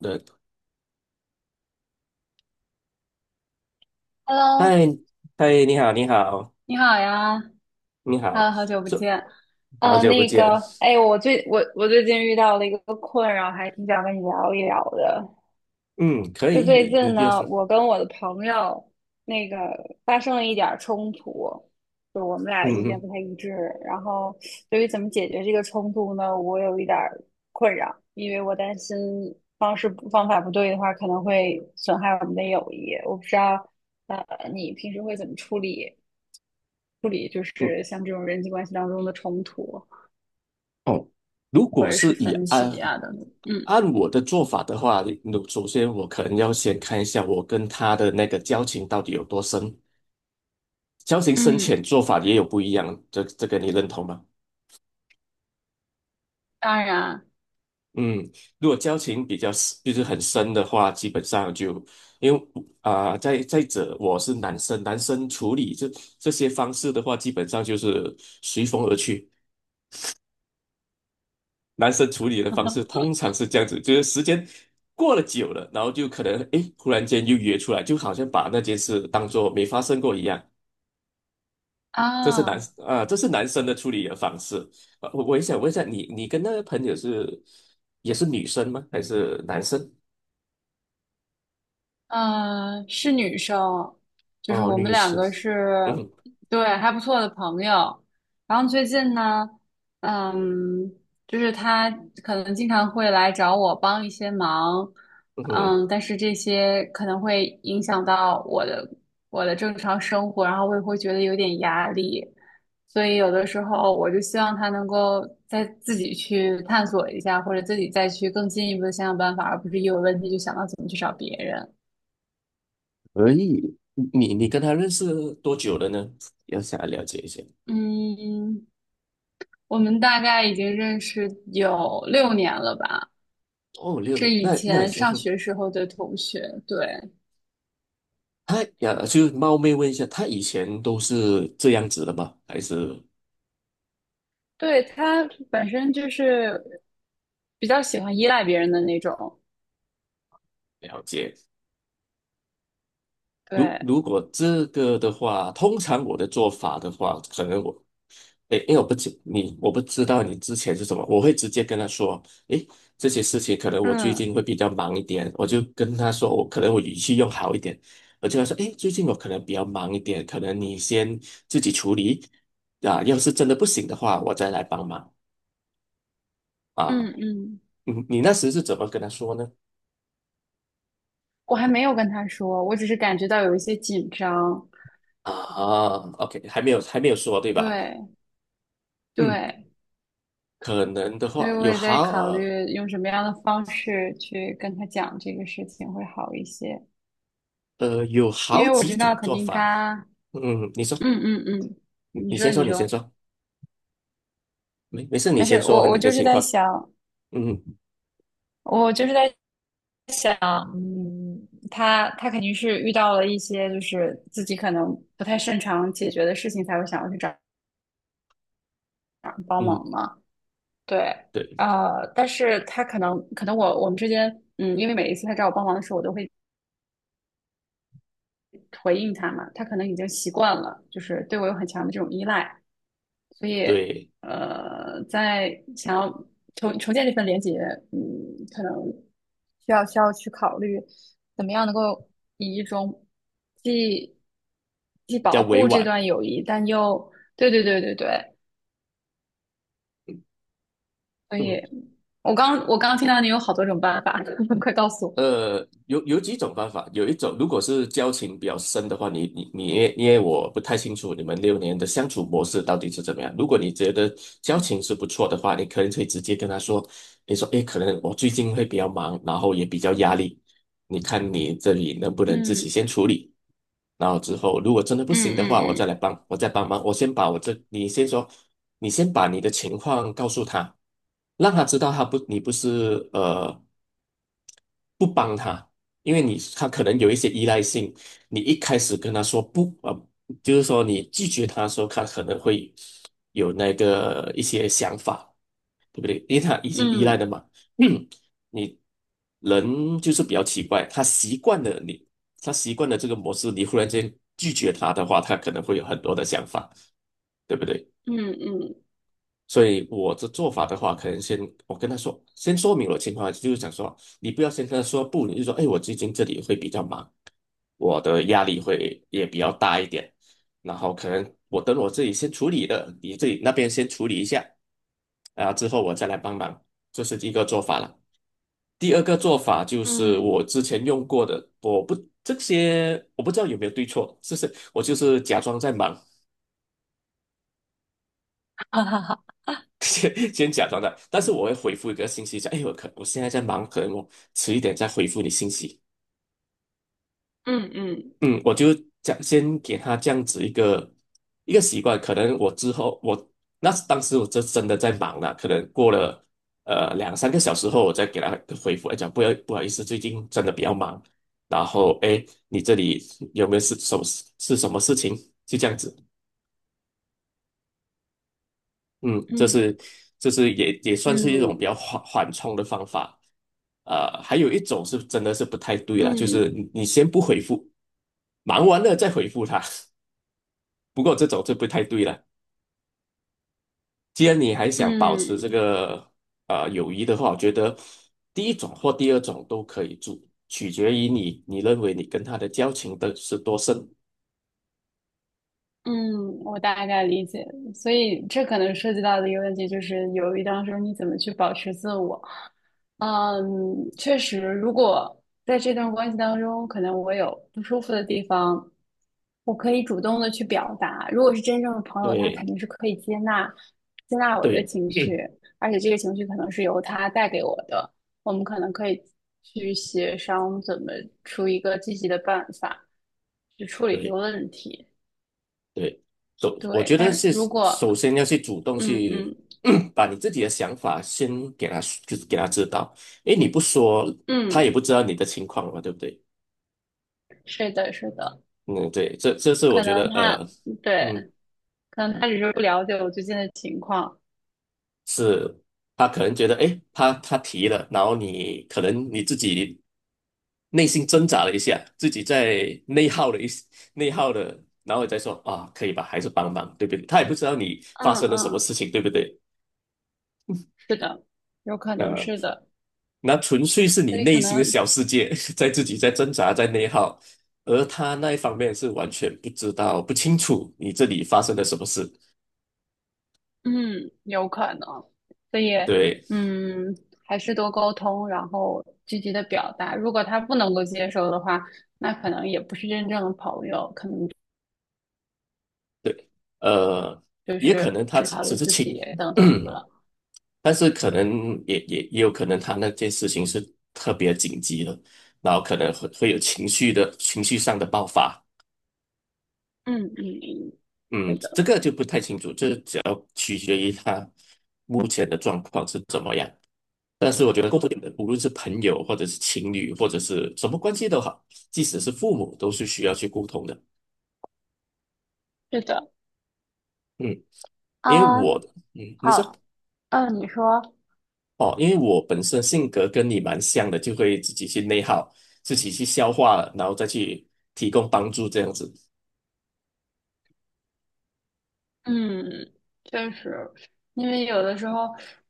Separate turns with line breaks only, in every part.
对，
Hello，
嗨，嗨，你好，你好，
你好呀
你好，
，Hello，好久不
是
见。
好久不
那
见。
个，哎，我最近遇到了一个困扰，还挺想跟你聊一聊的。
嗯，可
就
以，
最
你
近
就
呢，
说，
我跟我的朋友那个发生了一点儿冲突，就我们俩
嗯
意见
嗯
不太一致。然后对于怎么解决这个冲突呢，我有一点儿困扰，因为我担心方法不对的话，可能会损害我们的友谊。我不知道，呃，你平时会怎么处理？处理，就
嗯，
是像这种人际关系当中的冲突
哦，如
或
果
者
是
是
以
分歧
按
啊等等。嗯
按我的做法的话，那首先我可能要先看一下我跟他的那个交情到底有多深，交情深
嗯，
浅做法也有不一样，这个你认同吗？
当然
嗯，如果交情比较 就是很深的话，基本上就因为再者，我是男生，男生处理这些方式的话，基本上就是随风而去。男生处理的方式 通常是这样子，就是时间过了久了，然后就可能诶，忽然间又约出来，就好像把那件事当做没发生过一样。这是男
啊。
这是男生的处理的方式。我也想问一下，你跟那个朋友是也是女生吗？还是男生？
嗯，是女生，就是
哦，
我们
律
两
师，
个是，
嗯哼
对，还不错的朋友。然后最近呢，嗯，就是她可能经常会来找我帮一些忙，
嗯哼，
嗯，但是这些可能会影响到我的正常生活，然后我也会觉得有点压力，所以有的时候我就希望她能够再自己去探索一下，或者自己再去更进一步的想想办法，而不是一有问题就想到怎么去找别人。
可以。你跟他认识多久了呢？要想要了解一下。
嗯，我们大概已经认识有6年了吧，
哦，六
是
年，
以
那那也
前
行。
上学时候的同学。对，
他呀，就是冒昧问一下，他以前都是这样子的吗？还是
对，他本身就是比较喜欢依赖别人的那种。
了解？如
对，
如果这个的话，通常我的做法的话，可能我诶，因为我不知你，我不知道你之前是什么，我会直接跟他说，诶，这些事情可能我最近
嗯
会比较忙一点，我就跟他说，我可能我语气用好一点，我就跟他说，诶，最近我可能比较忙一点，可能你先自己处理，啊，要是真的不行的话，我再来帮忙啊。
嗯嗯，
你你那时是怎么跟他说呢？
我还没有跟他说，我只是感觉到有一些紧张。
啊，OK,还没有还没有说对吧？
对
嗯，
对，
可能的
所以
话
我
有
也在考
好
虑用什么样的方式去跟他讲这个事情会好一些，
有
因
好
为我
几
知道
种
肯
做
定
法，
他，
嗯，你说，
嗯嗯嗯，
你
你
你先
说
说，
你
你先
说。
说。没事，你
没事，
先说
我
完
我
你的
就是
情
在
况。
想，
嗯
我就是在想，嗯，他肯定是遇到了一些就是自己可能不太擅长解决的事情，才会想要去找找人帮
嗯，
忙嘛。对，
对
但是他可能我们之间，嗯，因为每一次他找我帮忙的时候，我都会回应他嘛，他可能已经习惯了，就是对我有很强的这种依赖，所以
对，
在想要重建这份连接，嗯，可能需要去考虑怎么样能够以一种既既
比较
保
委
护这
婉。
段友谊，但又对对对对对，所以
嗯。
我刚听到你有好多种办法，快告诉我，
呃，有有几种方法，有一种如果是交情比较深的话，你因为我不太清楚你们六年的相处模式到底是怎么样。如果你觉得交情是不错的话，你可能可以直接跟他说，你说，诶，可能我最近会比较忙，然后也比较压力，你看你这里能不能自己
嗯
先处理，然后之后如果真的不
嗯
行的话，我
嗯
再来帮，我再帮忙，我先把我这，你先说，你先把你的情况告诉他。让他知道他不，你不是不帮他，因为你他可能有一些依赖性，你一开始跟他说不啊，就是说你拒绝他的时候，他可能会有那个一些想法，对不对？因为他已
嗯
经依赖了
嗯
嘛。嗯，你人就是比较奇怪，他习惯了你，他习惯了这个模式，你忽然间拒绝他的话，他可能会有很多的想法，对不对？
嗯嗯
所以我的做法的话，可能先我跟他说，先说明我的情况，就是想说，你不要先跟他说不，你就说，哎，我最近这里会比较忙，我的压力会也比较大一点，然后可能我等我自己先处理了，你自己那边先处理一下，然后之后我再来帮忙，这是第一个做法了。第二个做法就是
嗯，
我之前用过的，我不这些我不知道有没有对错，就是我就是假装在忙，
哈哈哈，
先 先假装的，但是我会回复一个信息讲，哎，我现在在忙，可能我迟一点再回复你信息。
嗯嗯。
嗯，我就讲先给他这样子一个一个习惯，可能我之后我那当时我这真的在忙了，可能过了两三个小时后，我再给他回复，哎，讲不要不好意思，最近真的比较忙，然后哎，诶你这里有没有是什么是什么事情？就这样子。嗯，
嗯
这是也也算是一种比较
嗯
缓冲的方法。还有一种是真的是不太对了，就是
嗯
你先不回复，忙完了再回复他。不过这种就不太对了。既然你还想保持这
嗯，
个友谊的话，我觉得第一种或第二种都可以做，取决于你认为你跟他的交情的是多深。
嗯，我大概理解，所以这可能涉及到的一个问题就是，犹豫当中你怎么去保持自我？嗯，确实，如果在这段关系当中，可能我有不舒服的地方，我可以主动的去表达。如果是真正的朋友，他肯
对
定是可以接纳我的
对，
情绪，
嗯，
而且这个情绪可能是由他带给我的，我们可能可以去协商怎么出一个积极的办法去处理这个
对。
问题。
对，我
对，
觉得
但
是
如
首
果
先要去主动
嗯
去
嗯
把你自己的想法先给他就是给他知道，因为你不说，他
嗯，
也不知道你的情况嘛，对不对？
是的，是的，
嗯，对，这是我
可
觉得，
能他嗯对，
嗯，
可能他只是不了解我最近的情况。
是他可能觉得诶，他提了，然后你可能你自己内心挣扎了一下，自己在内耗了一内耗了，然后你再说啊，可以吧，还是帮忙，对不对？他也不知道你发
嗯
生了什么
嗯，
事情，对不对？
是的，有可能
呃。
是的，
那纯粹是你
所以
内
可
心的
能
小世界，在自己在挣扎，在内耗，而他那一方面是完全不知道、不清楚你这里发生了什么事。
嗯，有可能，所以
对
嗯，还是多沟通，然后积极的表达。如果他不能够接受的话，那可能也不是真正的朋友，可能
对，呃，
就
也可
是
能他
只
只
考虑
只是
自己
情，
等等 的。
但是可能也也也有可能他那件事情是特别紧急的，然后可能会会有情绪上的爆发。
嗯嗯嗯，是
嗯，这
的，
个就不太清楚，这只要取决于他目前的状况是怎么样。但是我觉得共同点的，无论是朋友，或者是情侣，或者是什么关系都好，即使是父母，都是需要去沟通的。
是的
嗯，因为
啊，
我嗯，你说
好。嗯，你说，
哦，因为我本身性格跟你蛮像的，就会自己去内耗，自己去消化了，然后再去提供帮助这样子。
嗯，确实，因为有的时候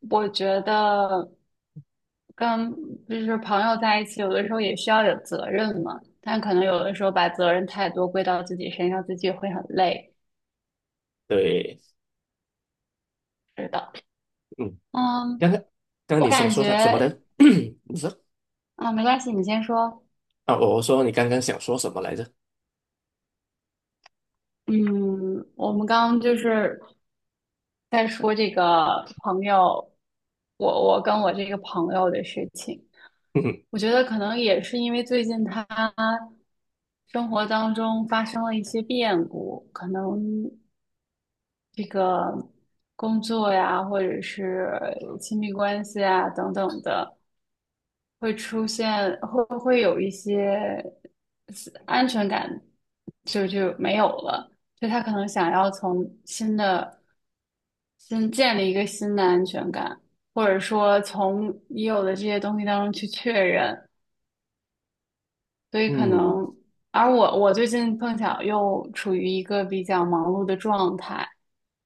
我觉得跟就是朋友在一起，有的时候也需要有责任嘛，但可能有的时候把责任太多归到自己身上，自己会很累。
对，
是的，
嗯，
嗯，
刚刚刚刚
我
你想
感
说什么
觉
呢？你说
啊，没关系，你先说。
啊，我说你刚刚想说什么来着？
嗯，我们刚刚就是再说这个朋友，我跟我这个朋友的事情，
嗯
我觉得可能也是因为最近他生活当中发生了一些变故，可能这个工作呀，或者是亲密关系啊等等的，会出现会会有一些安全感就没有了，就他可能想要从新的。先建立一个新的安全感，或者说从已有的这些东西当中去确认。所以可
嗯
能，而我最近碰巧又处于一个比较忙碌的状态，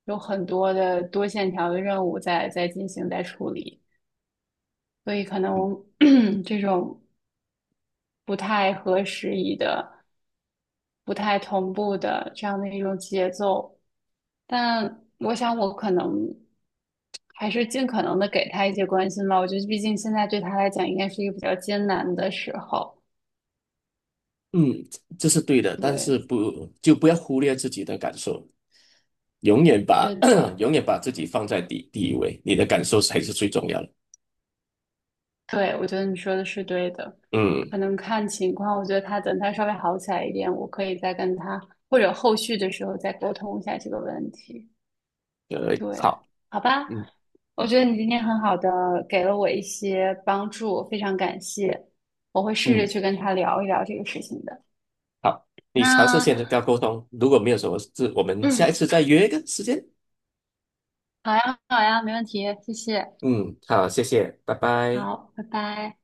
有很多的多线条的任务在进行在处理，所以可能 这种不太合时宜的。不太同步的这样的一种节奏。但我想，我可能还是尽可能的给他一些关心吧。我觉得，毕竟现在对他来讲，应该是一个比较艰难的时候。
嗯，这是对的，但是
对，
不要忽略自己的感受。永远把
是 的，
永远把自己放在第一位，你的感受才是最重要的。
对，我觉得你说的是对的。
嗯，
可能看情况，我觉得等他稍微好起来一点，我可以再跟他，或者后续的时候再沟通一下这个问题。对，
好，
好吧，
嗯
我觉得你今天很好的给了我一些帮助，非常感谢。我会试着
嗯，
去跟他聊一聊这个事情的。
好，你尝试
那，
先跟他沟通，如果没有什么事，我们下一
嗯，
次再约一个时间。
好呀，好呀，没问题，谢谢。
嗯，好，谢谢，拜拜。
好，拜拜。